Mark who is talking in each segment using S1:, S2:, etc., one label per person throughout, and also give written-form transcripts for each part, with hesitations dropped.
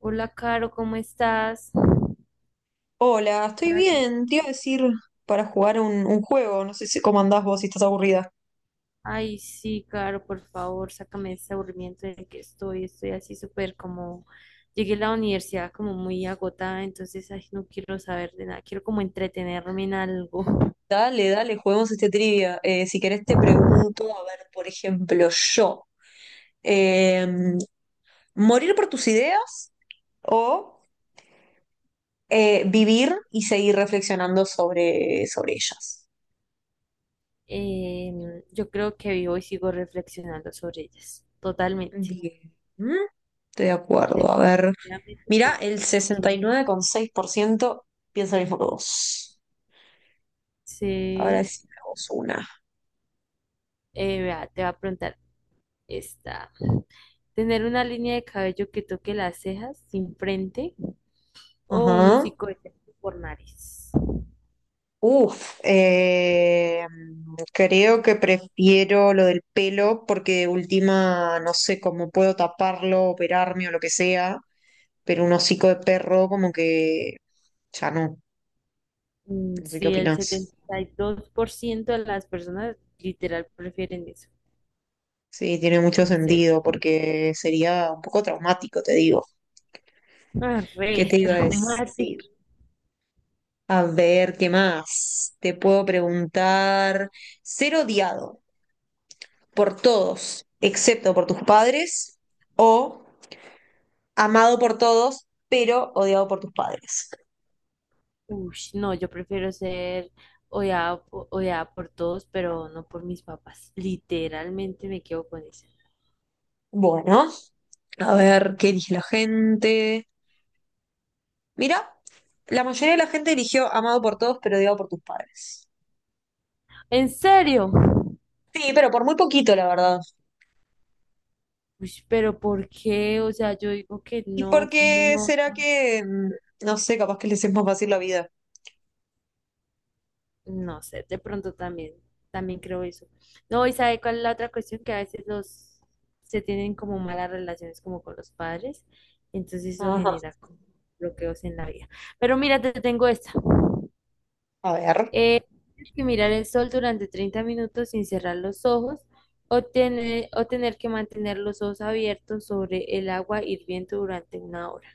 S1: Hola, Caro, ¿cómo estás?
S2: Hola, estoy
S1: Caro.
S2: bien. Te iba a decir para jugar un juego. No sé si cómo andás vos si estás aburrida.
S1: Ay, sí, Caro, por favor, sácame de este aburrimiento en el que estoy. Estoy así súper como. Llegué a la universidad como muy agotada, entonces ay, no quiero saber de nada. Quiero como entretenerme en algo.
S2: Dale, dale, juguemos este trivia. Si querés te pregunto, a ver, por ejemplo, yo, eh, ¿morir por tus ideas o vivir y seguir reflexionando sobre ellas?
S1: Yo creo que vivo y sigo reflexionando sobre ellas. Totalmente.
S2: Bien, Mm, estoy de acuerdo. A ver,
S1: Definitivamente.
S2: mira,
S1: Porque
S2: el
S1: es que-
S2: 69,6% piensa lo mismo que vos. Ahora
S1: Sí.
S2: decimos una.
S1: Vea, te va a preguntar esta. Tener una línea de cabello que toque las cejas sin frente o un
S2: Ajá.
S1: hocicoidectomy por nariz.
S2: Uf, creo que prefiero lo del pelo porque de última no sé cómo puedo taparlo, operarme o lo que sea, pero un hocico de perro como que ya no, no sé qué
S1: Sí, el
S2: opinás.
S1: 72% de las personas literal prefieren eso,
S2: Sí, tiene mucho
S1: en serio.
S2: sentido porque sería un poco traumático, te digo.
S1: Ah,
S2: ¿Qué
S1: re
S2: te iba a
S1: traumático.
S2: decir? A ver, ¿qué más? Te puedo preguntar, ser odiado por todos, excepto por tus padres, o amado por todos, pero odiado por tus padres.
S1: Uy, no, yo prefiero ser odiada, odiada por todos, pero no por mis papás. Literalmente me quedo con eso.
S2: Bueno, a ver qué elige la gente. Mira, la mayoría de la gente eligió amado por todos, pero odiado por tus padres.
S1: ¿En serio?
S2: Sí, pero por muy poquito, la verdad.
S1: Uy, pero ¿por qué? O sea, yo digo que
S2: ¿Y por
S1: no, como
S2: qué
S1: no?
S2: será que, no sé, capaz que les es más fácil la vida?
S1: No sé, de pronto también creo eso. No, ¿y sabe cuál es la otra cuestión? Que a veces los se tienen como malas relaciones como con los padres, entonces eso
S2: Ajá.
S1: genera como bloqueos en la vida. Pero mira, te tengo esta.
S2: A ver.
S1: Eh, Tienes que mirar el sol durante 30 minutos sin cerrar los ojos o tener que mantener los ojos abiertos sobre el agua hirviendo durante una hora.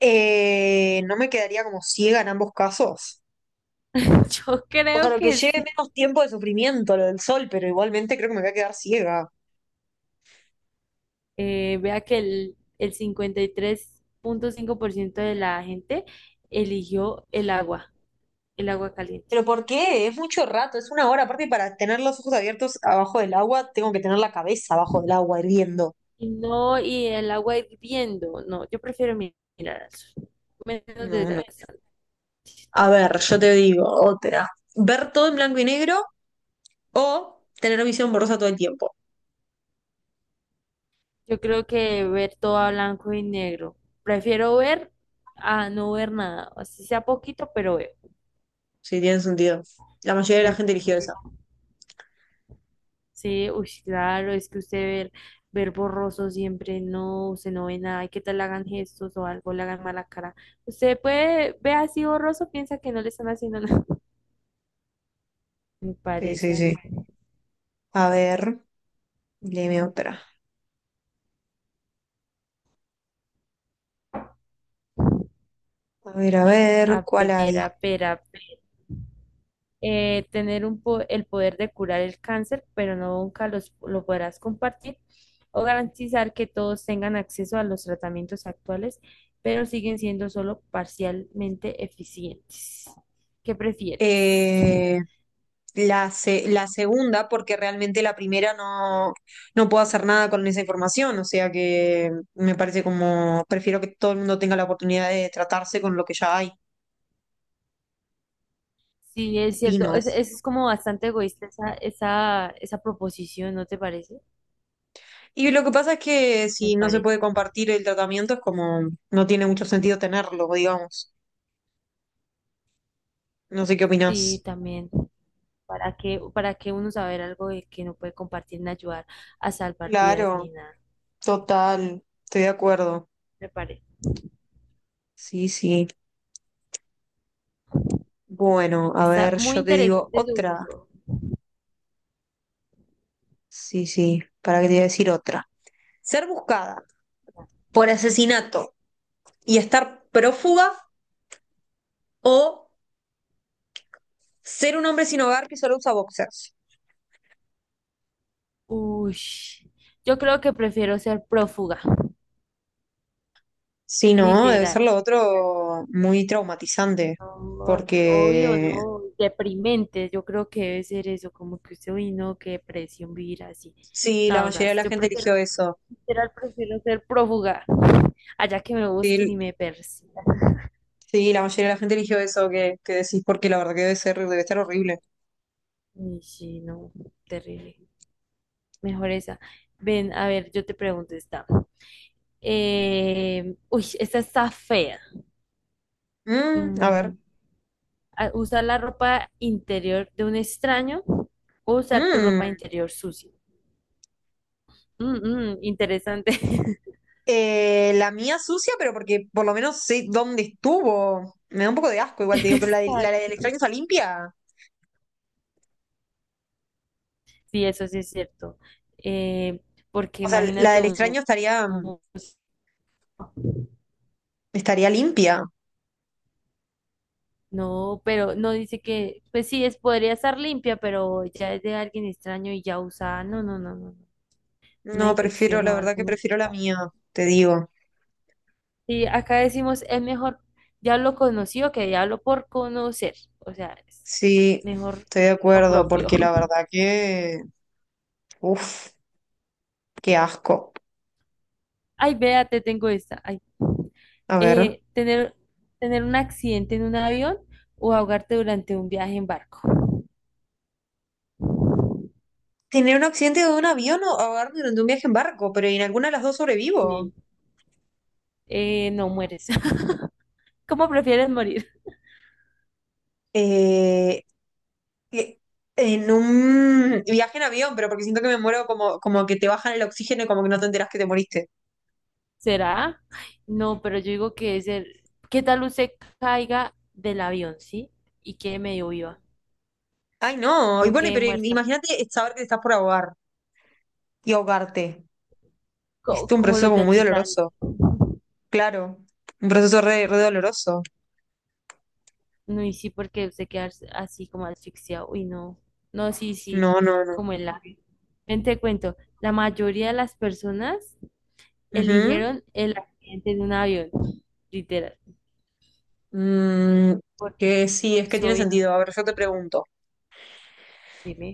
S2: No me quedaría como ciega en ambos casos.
S1: Yo
S2: O sea,
S1: creo
S2: lo que
S1: que
S2: lleve
S1: sí.
S2: menos tiempo de sufrimiento, lo del sol, pero igualmente creo que me voy a quedar ciega.
S1: Vea que el 53.5% de la gente eligió el agua caliente.
S2: ¿Pero por qué? Es mucho rato, es una hora. Aparte, para tener los ojos abiertos abajo del agua, tengo que tener la cabeza abajo del agua hirviendo.
S1: Y no, y el agua hirviendo, no, yo prefiero mirar al sol. Menos
S2: No, no.
S1: desgastante
S2: A ver,
S1: también.
S2: yo te digo otra. Ver todo en blanco y negro o tener visión borrosa todo el tiempo.
S1: Yo creo que ver todo a blanco y negro. Prefiero ver a no ver nada. Así sea poquito, pero veo.
S2: Sí, tiene sentido. La mayoría de la
S1: Me
S2: gente eligió
S1: parece.
S2: esa.
S1: Sí, uy, sí, claro, es que usted ver borroso siempre, no, usted no ve nada, y qué tal le hagan gestos o algo, le hagan mala cara. Usted puede ver así borroso, piensa que no le están haciendo nada. Me
S2: Sí,
S1: parece
S2: sí,
S1: a
S2: sí.
S1: mí.
S2: A ver, léeme otra. A ver,
S1: A
S2: ¿cuál
S1: ver,
S2: hay?
S1: a ver, a ver. Tener un el poder de curar el cáncer, pero no nunca lo podrás compartir, o garantizar que todos tengan acceso a los tratamientos actuales, pero siguen siendo solo parcialmente eficientes. ¿Qué prefieres?
S2: Eh, la segunda, porque realmente la primera no, no puedo hacer nada con esa información, o sea que me parece como, prefiero que todo el mundo tenga la oportunidad de tratarse con lo que ya hay,
S1: Sí, es cierto.
S2: opino
S1: Es,
S2: es.
S1: es como bastante egoísta esa proposición, ¿no te parece?
S2: Y lo que pasa es que
S1: Me
S2: si no se
S1: parece.
S2: puede compartir el tratamiento es como, no tiene mucho sentido tenerlo, digamos. No sé qué opinás.
S1: Sí, también. ¿Para qué uno saber algo de que no puede compartir ni ayudar a salvar vidas ni
S2: Claro,
S1: nada?
S2: total, estoy de acuerdo.
S1: Me parece.
S2: Sí, sí. Bueno, a
S1: Está
S2: ver,
S1: muy
S2: yo te digo
S1: interesante
S2: otra.
S1: su.
S2: Sí, sí, para que te voy a decir otra. Ser buscada por asesinato y estar prófuga o ser un hombre sin hogar que solo usa boxers.
S1: Uy, yo creo que prefiero ser prófuga,
S2: Sí, no, debe
S1: literal.
S2: ser lo otro muy traumatizante,
S1: No, obvio,
S2: porque
S1: no, deprimente, yo creo que debe ser eso, como que usted, uy, no, qué depresión vivir así.
S2: sí, la
S1: No,
S2: mayoría de
S1: gas,
S2: la
S1: yo
S2: gente
S1: prefiero,
S2: eligió eso.
S1: literal, prefiero ser prófuga, allá que me lo busquen
S2: Sí,
S1: y me persigan.
S2: sí, la mayoría de la gente eligió eso que decís, porque la verdad que debe ser, debe estar horrible.
S1: Y sí, no, terrible, mejor esa. Ven, a ver, yo te pregunto esta. Uy, esta está fea.
S2: Mm, a
S1: Mm,
S2: ver.
S1: Usar la ropa interior de un extraño o usar tu ropa
S2: Mm.
S1: interior sucia. Mm, mm, interesante.
S2: La mía sucia, pero porque por lo menos sé dónde estuvo. Me da un poco de asco, igual te digo, pero la del
S1: Exacto.
S2: extraño está limpia.
S1: Sí, eso sí es cierto. Eh, Porque
S2: O sea, la
S1: imagínate
S2: del extraño
S1: uno,
S2: estaría,
S1: uno-
S2: estaría limpia.
S1: no, pero no dice que, pues sí, podría estar limpia, pero ya es de alguien extraño y ya usada. No, no, no, no, no. Una
S2: No, prefiero,
S1: infección
S2: la
S1: o
S2: verdad
S1: algo.
S2: que
S1: No.
S2: prefiero la mía, te digo.
S1: Sí, acá decimos, es mejor diablo conocido que diablo por conocer. O sea, es
S2: Sí,
S1: mejor
S2: estoy de
S1: lo
S2: acuerdo,
S1: propio.
S2: porque la verdad que. Uf, qué asco.
S1: Ay, vea, te tengo esta. Ay.
S2: A ver.
S1: Eh, tener, tener un accidente en un avión o ahogarte durante un viaje en barco.
S2: Tener un accidente de un avión o ahogarme durante un viaje en barco, pero en alguna de las dos sobrevivo.
S1: Sí. No mueres. ¿Cómo prefieres morir?
S2: Eh, que- En un viaje en avión, pero porque siento que me muero como, como que te bajan el oxígeno y como que no te enteras que te moriste.
S1: ¿Será? Ay, no, pero yo digo que es el. ¿Qué tal usted caiga del avión, sí? Y quede medio viva.
S2: Ay, no. Y
S1: No
S2: bueno,
S1: quede
S2: pero
S1: muerta.
S2: imagínate saber que te estás por ahogar y ahogarte. Es
S1: co-
S2: un
S1: como
S2: proceso
S1: los
S2: como
S1: del
S2: muy
S1: Titanic.
S2: doloroso. Claro. Un proceso re, re doloroso.
S1: No, y sí, porque usted queda así como asfixiado. Uy, no. No, sí, sí.
S2: No, no, no.
S1: Como el avión. Ven, te cuento. La mayoría de las personas
S2: Ujú.
S1: eligieron el accidente de un avión, literal.
S2: Mm,
S1: Por
S2: que sí, es que
S1: juicio,
S2: tiene
S1: obviamente.
S2: sentido. A ver, yo te pregunto.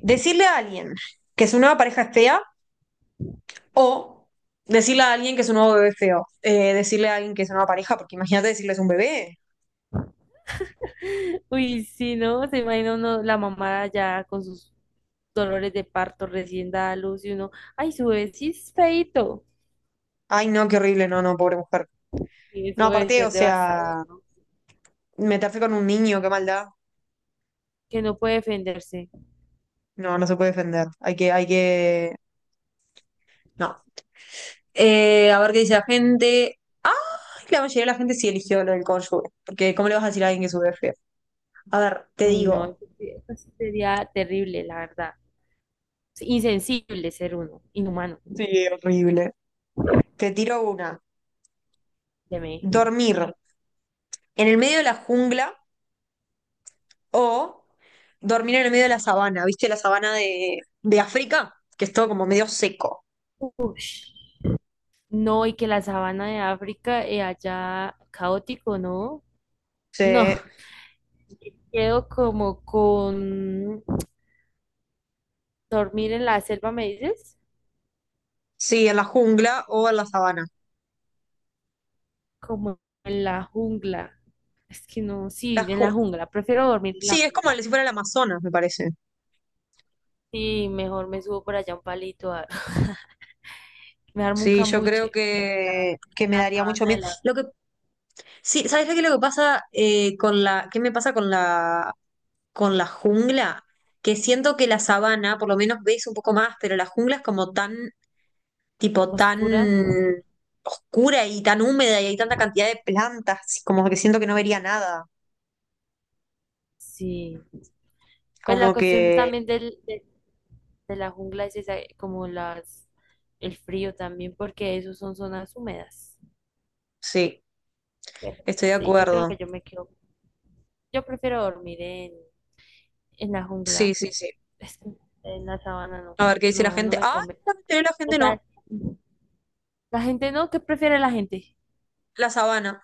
S2: Decirle a alguien que su nueva pareja es fea o decirle a alguien que su nuevo bebé es feo. Decirle a alguien que es una nueva pareja, porque imagínate decirles un bebé.
S1: Uy, sí, ¿no? Se imagina uno la mamá ya con sus dolores de parto recién dada a luz y uno, ay, su bebé sí es feíto.
S2: Ay, no, qué horrible, no, no, pobre mujer.
S1: Y
S2: No,
S1: eso debe
S2: aparte, o
S1: ser devastador,
S2: sea,
S1: ¿no?
S2: meterse con un niño, qué maldad.
S1: Que no puede defenderse.
S2: No, no se puede defender. Hay que. No. A ver qué dice la gente. Ah, la mayoría de la gente sí eligió lo del cónyuge. Porque, ¿cómo le vas a decir a alguien que sube feo? A ver, te
S1: Uy no,
S2: digo.
S1: eso sí sería terrible, la verdad. Es insensible ser uno, inhumano.
S2: Sí, horrible. Te tiro una.
S1: Teme.
S2: Dormir en el medio de la jungla o dormir en el medio de la sabana. ¿Viste la sabana de África? Que es todo como medio seco.
S1: Ush. No, y que la sabana de África allá caótico, ¿no?
S2: Sí.
S1: No, quedo como con dormir en la selva, ¿me dices?
S2: Sí, en la jungla o en la sabana.
S1: Como en la jungla. Es que no,
S2: La
S1: sí, en
S2: ju-
S1: la jungla. Prefiero dormir en la
S2: sí, es como
S1: jungla.
S2: si fuera el Amazonas, me parece.
S1: Sí, mejor me subo por allá a un palito, me armo un
S2: Sí, yo creo
S1: cambuche en la,
S2: que
S1: en
S2: me
S1: la
S2: daría mucho
S1: sabana de
S2: miedo.
S1: la
S2: Lo que, sí, ¿sabes qué es lo que pasa qué me pasa con la jungla? Que siento que la sabana, por lo menos veis un poco más, pero la jungla es como tan, tipo, tan
S1: oscura.
S2: oscura y tan húmeda y hay tanta cantidad de plantas, como que siento que no vería nada.
S1: Sí. Pues la
S2: Como
S1: cuestión de-
S2: que,
S1: también del, de, de la jungla es esa, como las, el frío también, porque esos son zonas húmedas.
S2: sí,
S1: Pero
S2: estoy de
S1: sí, yo creo
S2: acuerdo.
S1: que yo me quedo, yo prefiero dormir en la jungla.
S2: Sí, sí, sí.
S1: Es que en la sabana no,
S2: A ver qué dice la
S1: no, no
S2: gente.
S1: me
S2: Ah,
S1: convence.
S2: la mayoría de la
S1: O
S2: gente no.
S1: sea, la gente no, ¿qué prefiere la gente?
S2: La sabana.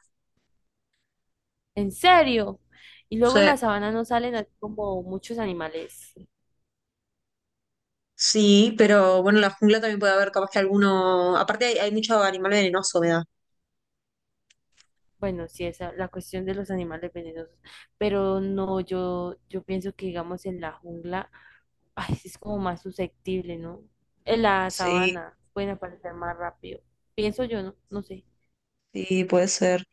S1: ¿En serio? Y luego en
S2: Sea,
S1: la sabana no salen así como muchos animales.
S2: sí, pero bueno, en la jungla también puede haber capaz que alguno. Aparte, hay mucho animal venenoso, me da.
S1: Bueno, sí, esa la cuestión de los animales venenosos, pero no, yo pienso que digamos en la jungla, ay, sí es como más susceptible, ¿no? En la
S2: Sí,
S1: sabana pueden aparecer más rápido. Pienso yo, ¿no? No sé.
S2: sí, puede ser.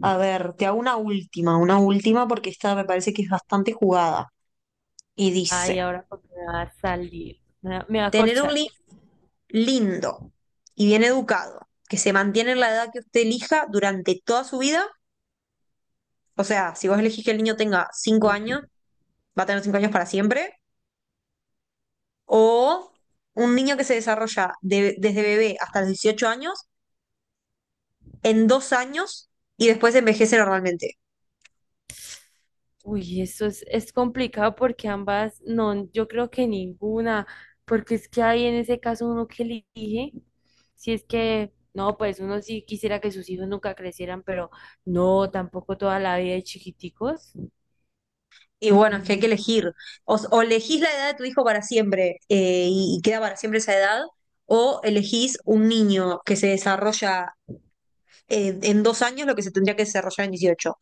S2: A ver, te hago una última porque esta me parece que es bastante jugada. Y
S1: Ay,
S2: dice,
S1: ahora porque me va a salir, me va a
S2: tener un
S1: corchar.
S2: lindo y bien educado, que se mantiene en la edad que usted elija durante toda su vida. O sea, si vos elegís que el niño tenga cinco
S1: Sí.
S2: años, va a tener 5 años para siempre. O un niño que se desarrolla desde bebé hasta los 18 años en 2 años y después envejece normalmente.
S1: Uy, eso es complicado porque ambas, no, yo creo que ninguna, porque es que hay en ese caso uno que elige, si es que, no, pues uno sí quisiera que sus hijos nunca crecieran, pero no, tampoco toda la vida de chiquiticos.
S2: Y bueno, es que hay que
S1: Mm,
S2: elegir. O elegís la edad de tu hijo para siempre y queda para siempre esa edad, o elegís un niño que se desarrolla en 2 años lo que se tendría que desarrollar en 18.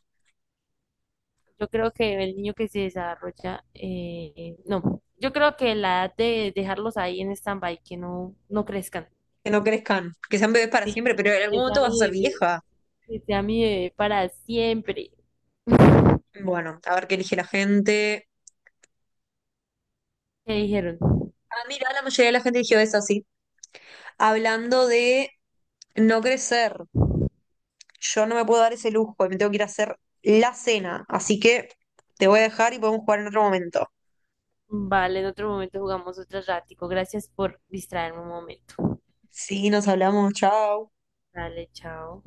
S1: Yo creo que el niño que se desarrolla, no, yo creo que la edad de dejarlos ahí en stand-by, que no, no crezcan.
S2: Que no crezcan, que sean bebés para
S1: Sí,
S2: siempre, pero en algún
S1: que sea
S2: momento vas a ser
S1: mi bebé,
S2: vieja.
S1: que sea mi bebé para siempre.
S2: Bueno, a ver qué elige la gente.
S1: ¿Qué dijeron?
S2: Ah, mira, la mayoría de la gente eligió eso, sí. Hablando de no crecer. Yo no me puedo dar ese lujo, me tengo que ir a hacer la cena, así que te voy a dejar y podemos jugar en otro momento.
S1: Vale, en otro momento jugamos otro ratico. Gracias por distraerme un momento.
S2: Sí, nos hablamos, chao.
S1: Dale, chao.